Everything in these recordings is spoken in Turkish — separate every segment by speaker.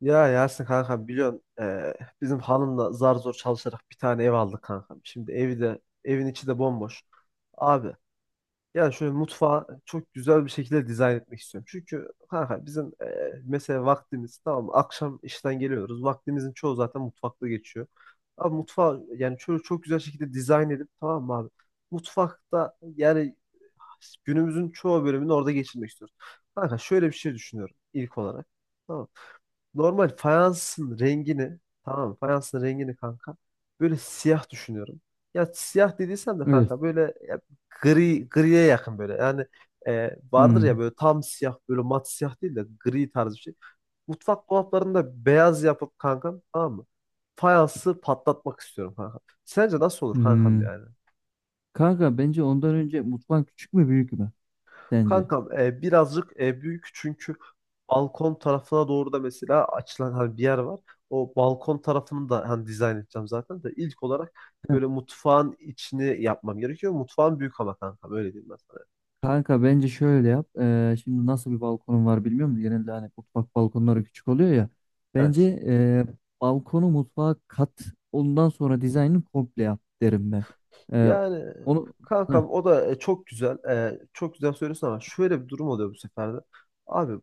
Speaker 1: Ya Yasin kanka biliyorsun bizim hanımla zar zor çalışarak bir tane ev aldık kanka. Şimdi evi de evin içi de bomboş. Abi yani şöyle mutfağı çok güzel bir şekilde dizayn etmek istiyorum. Çünkü kanka bizim mesela vaktimiz tamam mı? Akşam işten geliyoruz. Vaktimizin çoğu zaten mutfakta geçiyor. Abi mutfağı yani şöyle çok güzel şekilde dizayn edip tamam mı abi? Mutfakta yani günümüzün çoğu bölümünü orada geçirmek istiyoruz. Kanka şöyle bir şey düşünüyorum ilk olarak. Tamam mı? Normal fayansın rengini, tamam mı? Fayansın rengini kanka. Böyle siyah düşünüyorum. Ya siyah dediysem de
Speaker 2: Evet.
Speaker 1: kanka böyle ya gri griye yakın böyle. Yani vardır ya
Speaker 2: Hmm.
Speaker 1: böyle tam siyah, böyle mat siyah değil de gri tarzı bir şey. Mutfak dolaplarını da beyaz yapıp kankam, tamam mı? Fayansı patlatmak istiyorum kanka. Sence nasıl olur kankam
Speaker 2: Hmm.
Speaker 1: yani?
Speaker 2: Kanka bence ondan önce mutfağın küçük mü büyük mü sence?
Speaker 1: Kankam birazcık büyük çünkü balkon tarafına doğru da mesela açılan hani bir yer var. O balkon tarafını da hani dizayn edeceğim zaten de ilk olarak
Speaker 2: Heh.
Speaker 1: böyle mutfağın içini yapmam gerekiyor. Mutfağın büyük ama kankam, öyle diyeyim ben sana.
Speaker 2: Kanka bence şöyle yap. Şimdi nasıl bir balkonun var bilmiyorum da. Genelde hani mutfak balkonları küçük oluyor ya. Bence
Speaker 1: Evet.
Speaker 2: balkonu mutfağa kat, ondan sonra dizaynını komple yap derim ben. Ee,
Speaker 1: Yani
Speaker 2: Onu. Heh.
Speaker 1: kankam o da çok güzel. Çok güzel söylüyorsun ama şöyle bir durum oluyor bu sefer de. Abi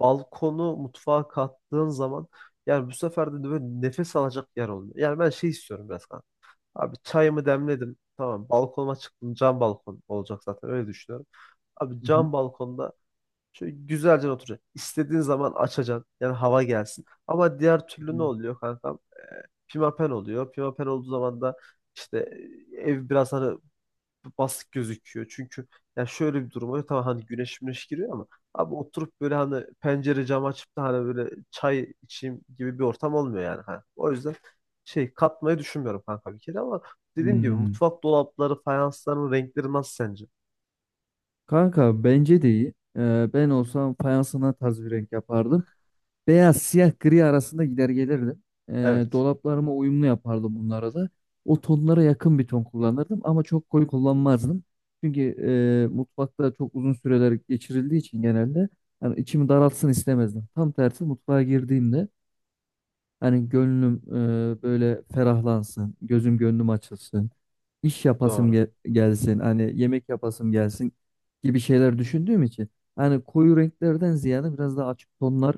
Speaker 1: balkonu mutfağa kattığın zaman yani bu sefer de böyle nefes alacak yer olmuyor. Yani ben şey istiyorum biraz kanka. Abi çayımı demledim. Tamam balkonuma çıktım. Cam balkon olacak zaten, öyle düşünüyorum. Abi
Speaker 2: Hı hı.
Speaker 1: cam balkonda şöyle güzelce oturacaksın. İstediğin zaman açacaksın. Yani hava gelsin. Ama diğer türlü ne
Speaker 2: Hı.
Speaker 1: oluyor kankam? Pimapen oluyor. Pimapen olduğu zaman da işte ev biraz hani basık gözüküyor. Çünkü ya şöyle bir durum oluyor. Tamam hani güneş müneş giriyor ama abi oturup böyle hani pencere cam açıp da hani böyle çay içeyim gibi bir ortam olmuyor yani. Hani. O yüzden şey katmayı düşünmüyorum kanka bir kere ama dediğim gibi
Speaker 2: Hmm.
Speaker 1: mutfak dolapları, fayansların renkleri nasıl sence?
Speaker 2: Kanka bence de iyi. Ben olsam fayansına tarz bir renk yapardım. Beyaz, siyah, gri arasında gider gelirdim.
Speaker 1: Evet.
Speaker 2: Dolaplarıma uyumlu yapardım bunlara da. O tonlara yakın bir ton kullanırdım ama çok koyu kullanmazdım. Çünkü mutfakta çok uzun süreler geçirildiği için genelde hani içimi daraltsın istemezdim. Tam tersi mutfağa girdiğimde hani gönlüm böyle ferahlansın, gözüm gönlüm açılsın. İş yapasım
Speaker 1: Doğru.
Speaker 2: gelsin, hani yemek yapasım gelsin gibi şeyler düşündüğüm için hani koyu renklerden ziyade biraz daha açık tonlar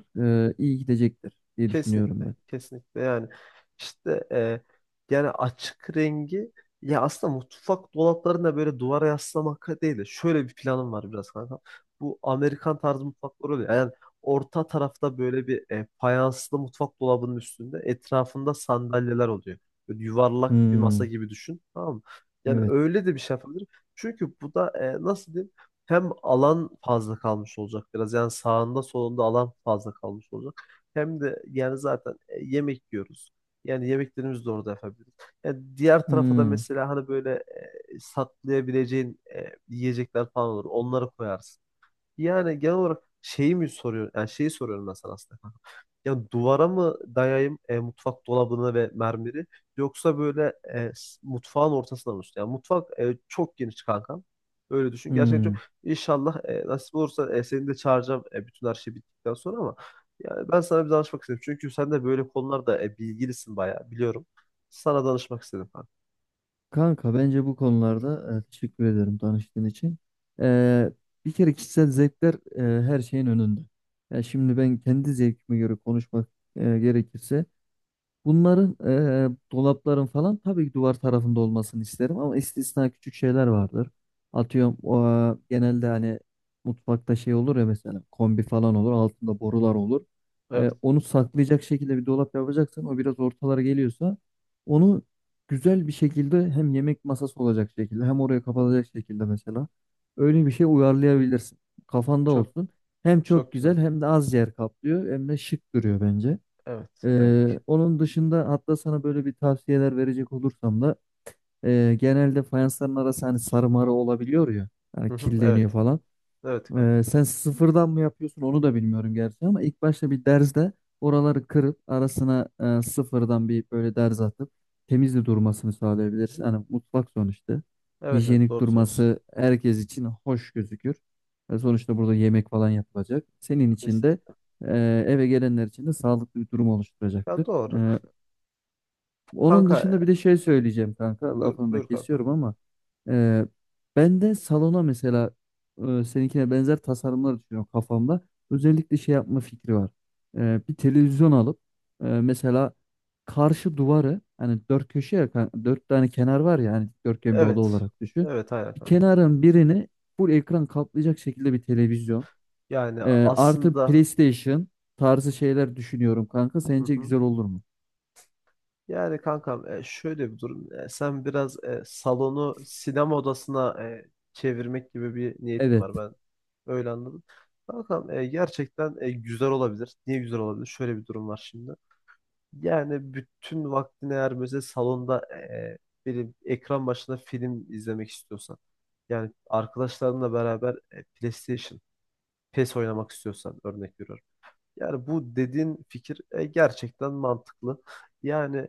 Speaker 2: iyi gidecektir diye düşünüyorum
Speaker 1: Kesinlikle,
Speaker 2: ben.
Speaker 1: kesinlikle yani işte, yani açık rengi, ya aslında mutfak dolaplarında böyle duvara yaslamak değil de şöyle bir planım var biraz kanka. Bu Amerikan tarzı mutfaklar oluyor. Yani orta tarafta böyle bir fayanslı mutfak dolabının üstünde etrafında sandalyeler oluyor. Böyle yuvarlak bir masa
Speaker 2: Hmm,
Speaker 1: gibi düşün, tamam mı? Yani
Speaker 2: evet.
Speaker 1: öyle de bir şey yapabilirim. Çünkü bu da nasıl diyeyim, hem alan fazla kalmış olacak biraz. Yani sağında solunda alan fazla kalmış olacak. Hem de yani zaten yemek yiyoruz. Yani yemeklerimizi de orada yapabiliriz. Yani diğer tarafa da
Speaker 2: Hmm,
Speaker 1: mesela hani böyle saklayabileceğin yiyecekler falan olur. Onları koyarsın. Yani genel olarak şeyi mi soruyor? Yani şeyi soruyorum ben sana aslında, kanka. Ya duvara mı dayayım mutfak dolabını ve mermeri, yoksa böyle mutfağın ortasına mı olsun? Yani mutfak çok geniş kanka. Öyle düşün. Gerçekten
Speaker 2: hmm.
Speaker 1: çok. İnşallah nasip olursa seni de çağıracağım bütün her şey bittikten sonra ama yani ben sana bir danışmak istedim. Çünkü sen de böyle konularda bilgilisin bayağı, biliyorum. Sana danışmak istedim kanka.
Speaker 2: Kanka bence bu konularda teşekkür ederim tanıştığın için. E, Bir kere kişisel zevkler her şeyin önünde. Ya şimdi ben kendi zevkime göre konuşmak gerekirse. Bunların Dolapların falan tabii ki duvar tarafında olmasını isterim ama istisna küçük şeyler vardır. Atıyorum o, genelde hani mutfakta şey olur ya mesela kombi falan olur altında borular olur.
Speaker 1: Evet.
Speaker 2: Onu saklayacak şekilde bir dolap yapacaksan o biraz ortalara geliyorsa onu güzel bir şekilde hem yemek masası olacak şekilde hem oraya kapatacak şekilde mesela öyle bir şey uyarlayabilirsin. Kafanda
Speaker 1: Çok
Speaker 2: olsun. Hem çok
Speaker 1: çok güzel.
Speaker 2: güzel hem de az yer kaplıyor hem de şık duruyor bence.
Speaker 1: Evet. Evet.
Speaker 2: Onun dışında hatta sana böyle bir tavsiyeler verecek olursam da genelde fayansların arası hani sarı marı olabiliyor ya,
Speaker 1: Hı
Speaker 2: hani
Speaker 1: hı,
Speaker 2: kirleniyor
Speaker 1: evet.
Speaker 2: falan.
Speaker 1: Evet kanka.
Speaker 2: Sen sıfırdan mı yapıyorsun onu da bilmiyorum gerçi ama ilk başta bir derzde oraları kırıp arasına sıfırdan bir böyle derz atıp temiz de durmasını sağlayabilirsin. Hani mutfak sonuçta.
Speaker 1: Evet evet,
Speaker 2: Hijyenik
Speaker 1: doğru söylüyorsun.
Speaker 2: durması herkes için hoş gözükür. Sonuçta burada yemek falan yapılacak. Senin için
Speaker 1: Kesin.
Speaker 2: de eve gelenler için de sağlıklı bir durum
Speaker 1: Ya
Speaker 2: oluşturacaktır.
Speaker 1: doğru.
Speaker 2: Onun
Speaker 1: Kanka
Speaker 2: dışında bir de şey söyleyeceğim kanka.
Speaker 1: buyur,
Speaker 2: Lafını da
Speaker 1: buyur kanka.
Speaker 2: kesiyorum ama e, ben de salona mesela seninkine benzer tasarımlar düşünüyorum kafamda. Özellikle şey yapma fikri var. Bir televizyon alıp mesela karşı duvarı hani dört köşe ya dört tane kenar var ya hani dörtgen bir oda
Speaker 1: Evet.
Speaker 2: olarak düşün.
Speaker 1: Evet aynen
Speaker 2: Bir
Speaker 1: kanka.
Speaker 2: kenarın birini full ekran kaplayacak şekilde bir televizyon.
Speaker 1: Yani
Speaker 2: E, Artı
Speaker 1: aslında
Speaker 2: PlayStation tarzı şeyler düşünüyorum kanka.
Speaker 1: hı
Speaker 2: Sence
Speaker 1: hı.
Speaker 2: güzel olur mu?
Speaker 1: Yani kankam şöyle bir durum. Sen biraz salonu sinema odasına çevirmek gibi bir niyetin
Speaker 2: Evet.
Speaker 1: var. Ben öyle anladım. Kankam gerçekten güzel olabilir. Niye güzel olabilir? Şöyle bir durum var şimdi. Yani bütün vaktini eğer mesela salonda benim ekran başında film izlemek istiyorsan, yani arkadaşlarınla beraber PlayStation PES oynamak istiyorsan, örnek veriyorum. Yani bu dediğin fikir gerçekten mantıklı. Yani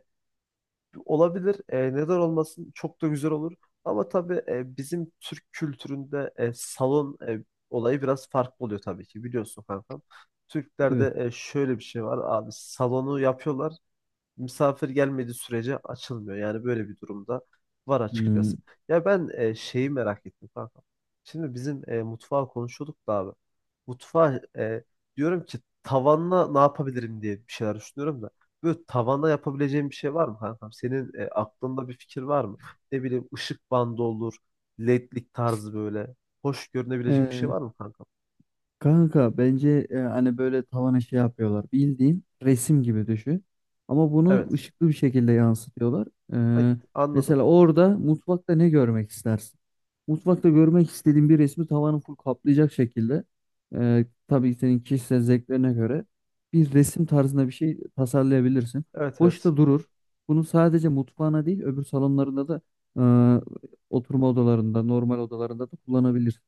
Speaker 1: olabilir. Neden olmasın? Çok da güzel olur. Ama tabii bizim Türk kültüründe salon olayı biraz farklı oluyor tabii ki. Biliyorsun kankam.
Speaker 2: Evet.
Speaker 1: Türklerde şöyle bir şey var abi, salonu yapıyorlar, misafir gelmediği sürece açılmıyor. Yani böyle bir durumda var açıkçası.
Speaker 2: Hmm.
Speaker 1: Ya ben şeyi merak ettim kanka. Şimdi bizim mutfağı konuşuyorduk da abi. Mutfağı diyorum ki tavanla ne yapabilirim diye bir şeyler düşünüyorum da. Böyle tavanla yapabileceğim bir şey var mı kankam? Senin aklında bir fikir var mı? Ne bileyim ışık bandı olur, ledlik tarzı böyle. Hoş görünebilecek bir şey
Speaker 2: Ee,
Speaker 1: var mı kankam?
Speaker 2: Kanka bence hani böyle tavana şey yapıyorlar. Bildiğin resim gibi düşün. Ama bunu
Speaker 1: Evet.
Speaker 2: ışıklı bir şekilde yansıtıyorlar.
Speaker 1: Ha,
Speaker 2: Ee,
Speaker 1: anladım.
Speaker 2: Mesela orada mutfakta ne görmek istersin? Mutfakta görmek istediğin bir resmi tavanı full kaplayacak şekilde tabii senin kişisel zevklerine göre bir resim tarzında bir şey tasarlayabilirsin.
Speaker 1: Evet
Speaker 2: Hoş
Speaker 1: evet.
Speaker 2: da durur. Bunu sadece mutfağına değil öbür salonlarında da e, oturma odalarında, normal odalarında da kullanabilirsin.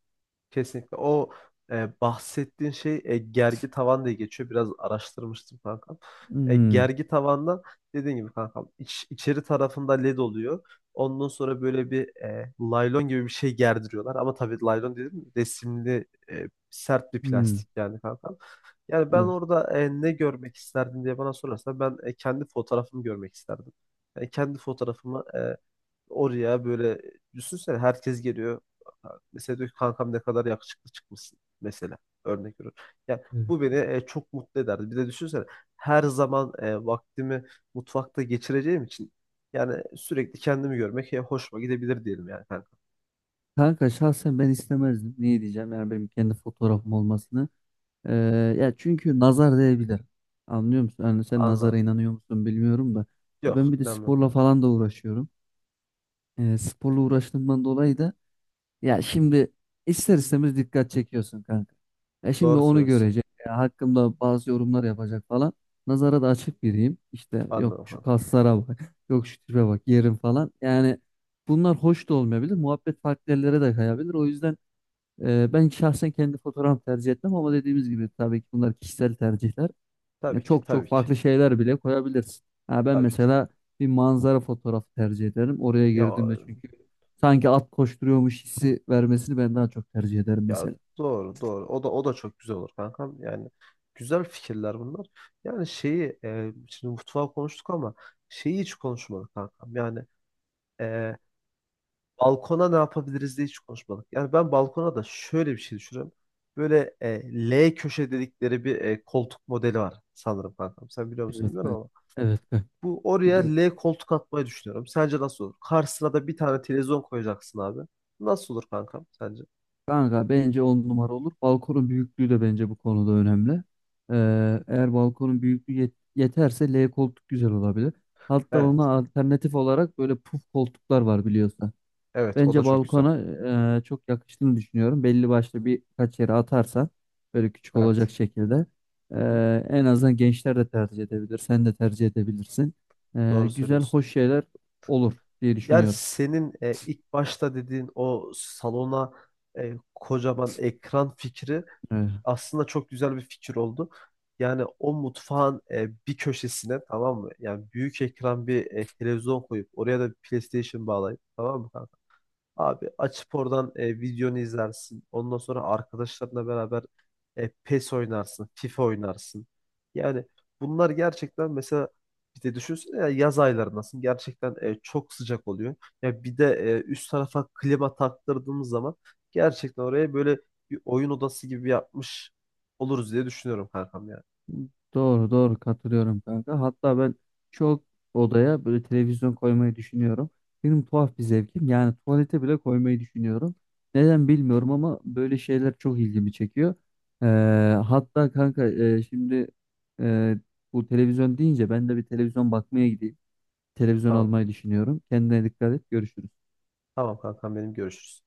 Speaker 1: Kesinlikle. O bahsettiğin şey gergi tavan diye geçiyor. Biraz araştırmıştım kankam.
Speaker 2: Hmm.
Speaker 1: Gergi tavandan dediğin gibi kankam içeri tarafında led oluyor. Ondan sonra böyle bir laylon gibi bir şey gerdiriyorlar. Ama tabii laylon dedim, resimli sert bir
Speaker 2: Hmm.
Speaker 1: plastik yani kankam. Yani ben
Speaker 2: Evet.
Speaker 1: orada ne görmek isterdim diye bana sorarsa ben kendi fotoğrafımı görmek isterdim. Kendi fotoğrafımı oraya böyle, düşünsene herkes geliyor. Mesela diyor ki kankam ne kadar yakışıklı çıkmışsın mesela, örnek veriyorum. Yani
Speaker 2: Evet.
Speaker 1: bu beni çok mutlu ederdi. Bir de düşünsene her zaman vaktimi mutfakta geçireceğim için yani sürekli kendimi görmek hoşuma gidebilir diyelim yani kanka.
Speaker 2: Kanka şahsen ben istemezdim. Niye diyeceğim? Yani benim kendi fotoğrafım olmasını. Ee, Ya çünkü nazar değebilir. Anlıyor musun? Yani sen nazara
Speaker 1: Anladım.
Speaker 2: inanıyor musun bilmiyorum da. Ya
Speaker 1: Yok
Speaker 2: ben bir de
Speaker 1: inanmıyorum
Speaker 2: sporla
Speaker 1: kanka.
Speaker 2: falan da uğraşıyorum. Sporla uğraştığımdan dolayı da. Ya şimdi ister istemez dikkat çekiyorsun kanka. Ya şimdi
Speaker 1: Doğru
Speaker 2: onu
Speaker 1: söylüyorsun.
Speaker 2: görecek. Ya hakkımda bazı yorumlar yapacak falan. Nazara da açık biriyim. İşte yok
Speaker 1: Anladım
Speaker 2: şu
Speaker 1: kanka.
Speaker 2: kaslara bak. Yok şu tipe bak yerim falan. Yani bunlar hoş da olmayabilir. Muhabbet farklı yerlere de kayabilir. O yüzden ben şahsen kendi fotoğraf tercih etmem ama dediğimiz gibi tabii ki bunlar kişisel tercihler. Ya
Speaker 1: Tabii ki,
Speaker 2: çok çok
Speaker 1: tabii ki
Speaker 2: farklı şeyler bile koyabilirsin. Ha ben
Speaker 1: tabii ki.
Speaker 2: mesela bir manzara fotoğrafı tercih ederim. Oraya
Speaker 1: Ya
Speaker 2: girdiğimde çünkü sanki at koşturuyormuş hissi vermesini ben daha çok tercih ederim
Speaker 1: ya
Speaker 2: mesela.
Speaker 1: doğru doğru. O da o da çok güzel olur kankam. Yani güzel fikirler bunlar. Yani şeyi şimdi mutfağı konuştuk ama şeyi hiç konuşmadık kankam. Yani e, balkona ne yapabiliriz diye hiç konuşmadık. Yani ben balkona da şöyle bir şey düşünüyorum. Böyle L köşe dedikleri bir koltuk modeli var sanırım kankam. Sen biliyor musun
Speaker 2: Evet
Speaker 1: bilmiyorum
Speaker 2: ben.
Speaker 1: ama.
Speaker 2: Evet ben.
Speaker 1: Bu oraya
Speaker 2: Biliyorum.
Speaker 1: L koltuk atmayı düşünüyorum. Sence nasıl olur? Karşısına da bir tane televizyon koyacaksın abi. Nasıl olur kankam sence?
Speaker 2: Kanka bence on numara olur. Balkonun büyüklüğü de bence bu konuda önemli. Eğer balkonun büyüklüğü yeterse L koltuk güzel olabilir. Hatta
Speaker 1: Evet.
Speaker 2: ona alternatif olarak böyle puf koltuklar var biliyorsun.
Speaker 1: Evet o da
Speaker 2: Bence
Speaker 1: çok güzel.
Speaker 2: balkona çok yakıştığını düşünüyorum. Belli başlı birkaç yere atarsan böyle küçük olacak
Speaker 1: Evet.
Speaker 2: şekilde
Speaker 1: Hı hı,
Speaker 2: en azından gençler de tercih edebilir. Sen de tercih edebilirsin.
Speaker 1: doğru
Speaker 2: Güzel,
Speaker 1: söylüyorsun.
Speaker 2: hoş şeyler olur diye
Speaker 1: Yani
Speaker 2: düşünüyorum.
Speaker 1: senin ilk başta dediğin o salona kocaman ekran fikri
Speaker 2: Evet.
Speaker 1: aslında çok güzel bir fikir oldu. Yani o mutfağın bir köşesine, tamam mı? Yani büyük ekran bir televizyon koyup oraya da bir PlayStation bağlayıp, tamam mı? Abi açıp oradan videonu izlersin. Ondan sonra arkadaşlarınla beraber PES oynarsın, FIFA oynarsın. Yani bunlar gerçekten mesela bir de düşünsene ya, yaz aylarındasın. Gerçekten çok sıcak oluyor. Ya bir de üst tarafa klima taktırdığımız zaman gerçekten oraya böyle bir oyun odası gibi yapmış oluruz diye düşünüyorum kankam yani.
Speaker 2: Doğru doğru katılıyorum kanka. Hatta ben çok odaya böyle televizyon koymayı düşünüyorum. Benim tuhaf bir zevkim. Yani tuvalete bile koymayı düşünüyorum. Neden bilmiyorum ama böyle şeyler çok ilgimi çekiyor. Ee, Hatta kanka şimdi e, bu televizyon deyince ben de bir televizyon bakmaya gideyim. Televizyon
Speaker 1: Tamam.
Speaker 2: almayı düşünüyorum. Kendine dikkat et. Görüşürüz.
Speaker 1: Tamam kankam, benim görüşürüz.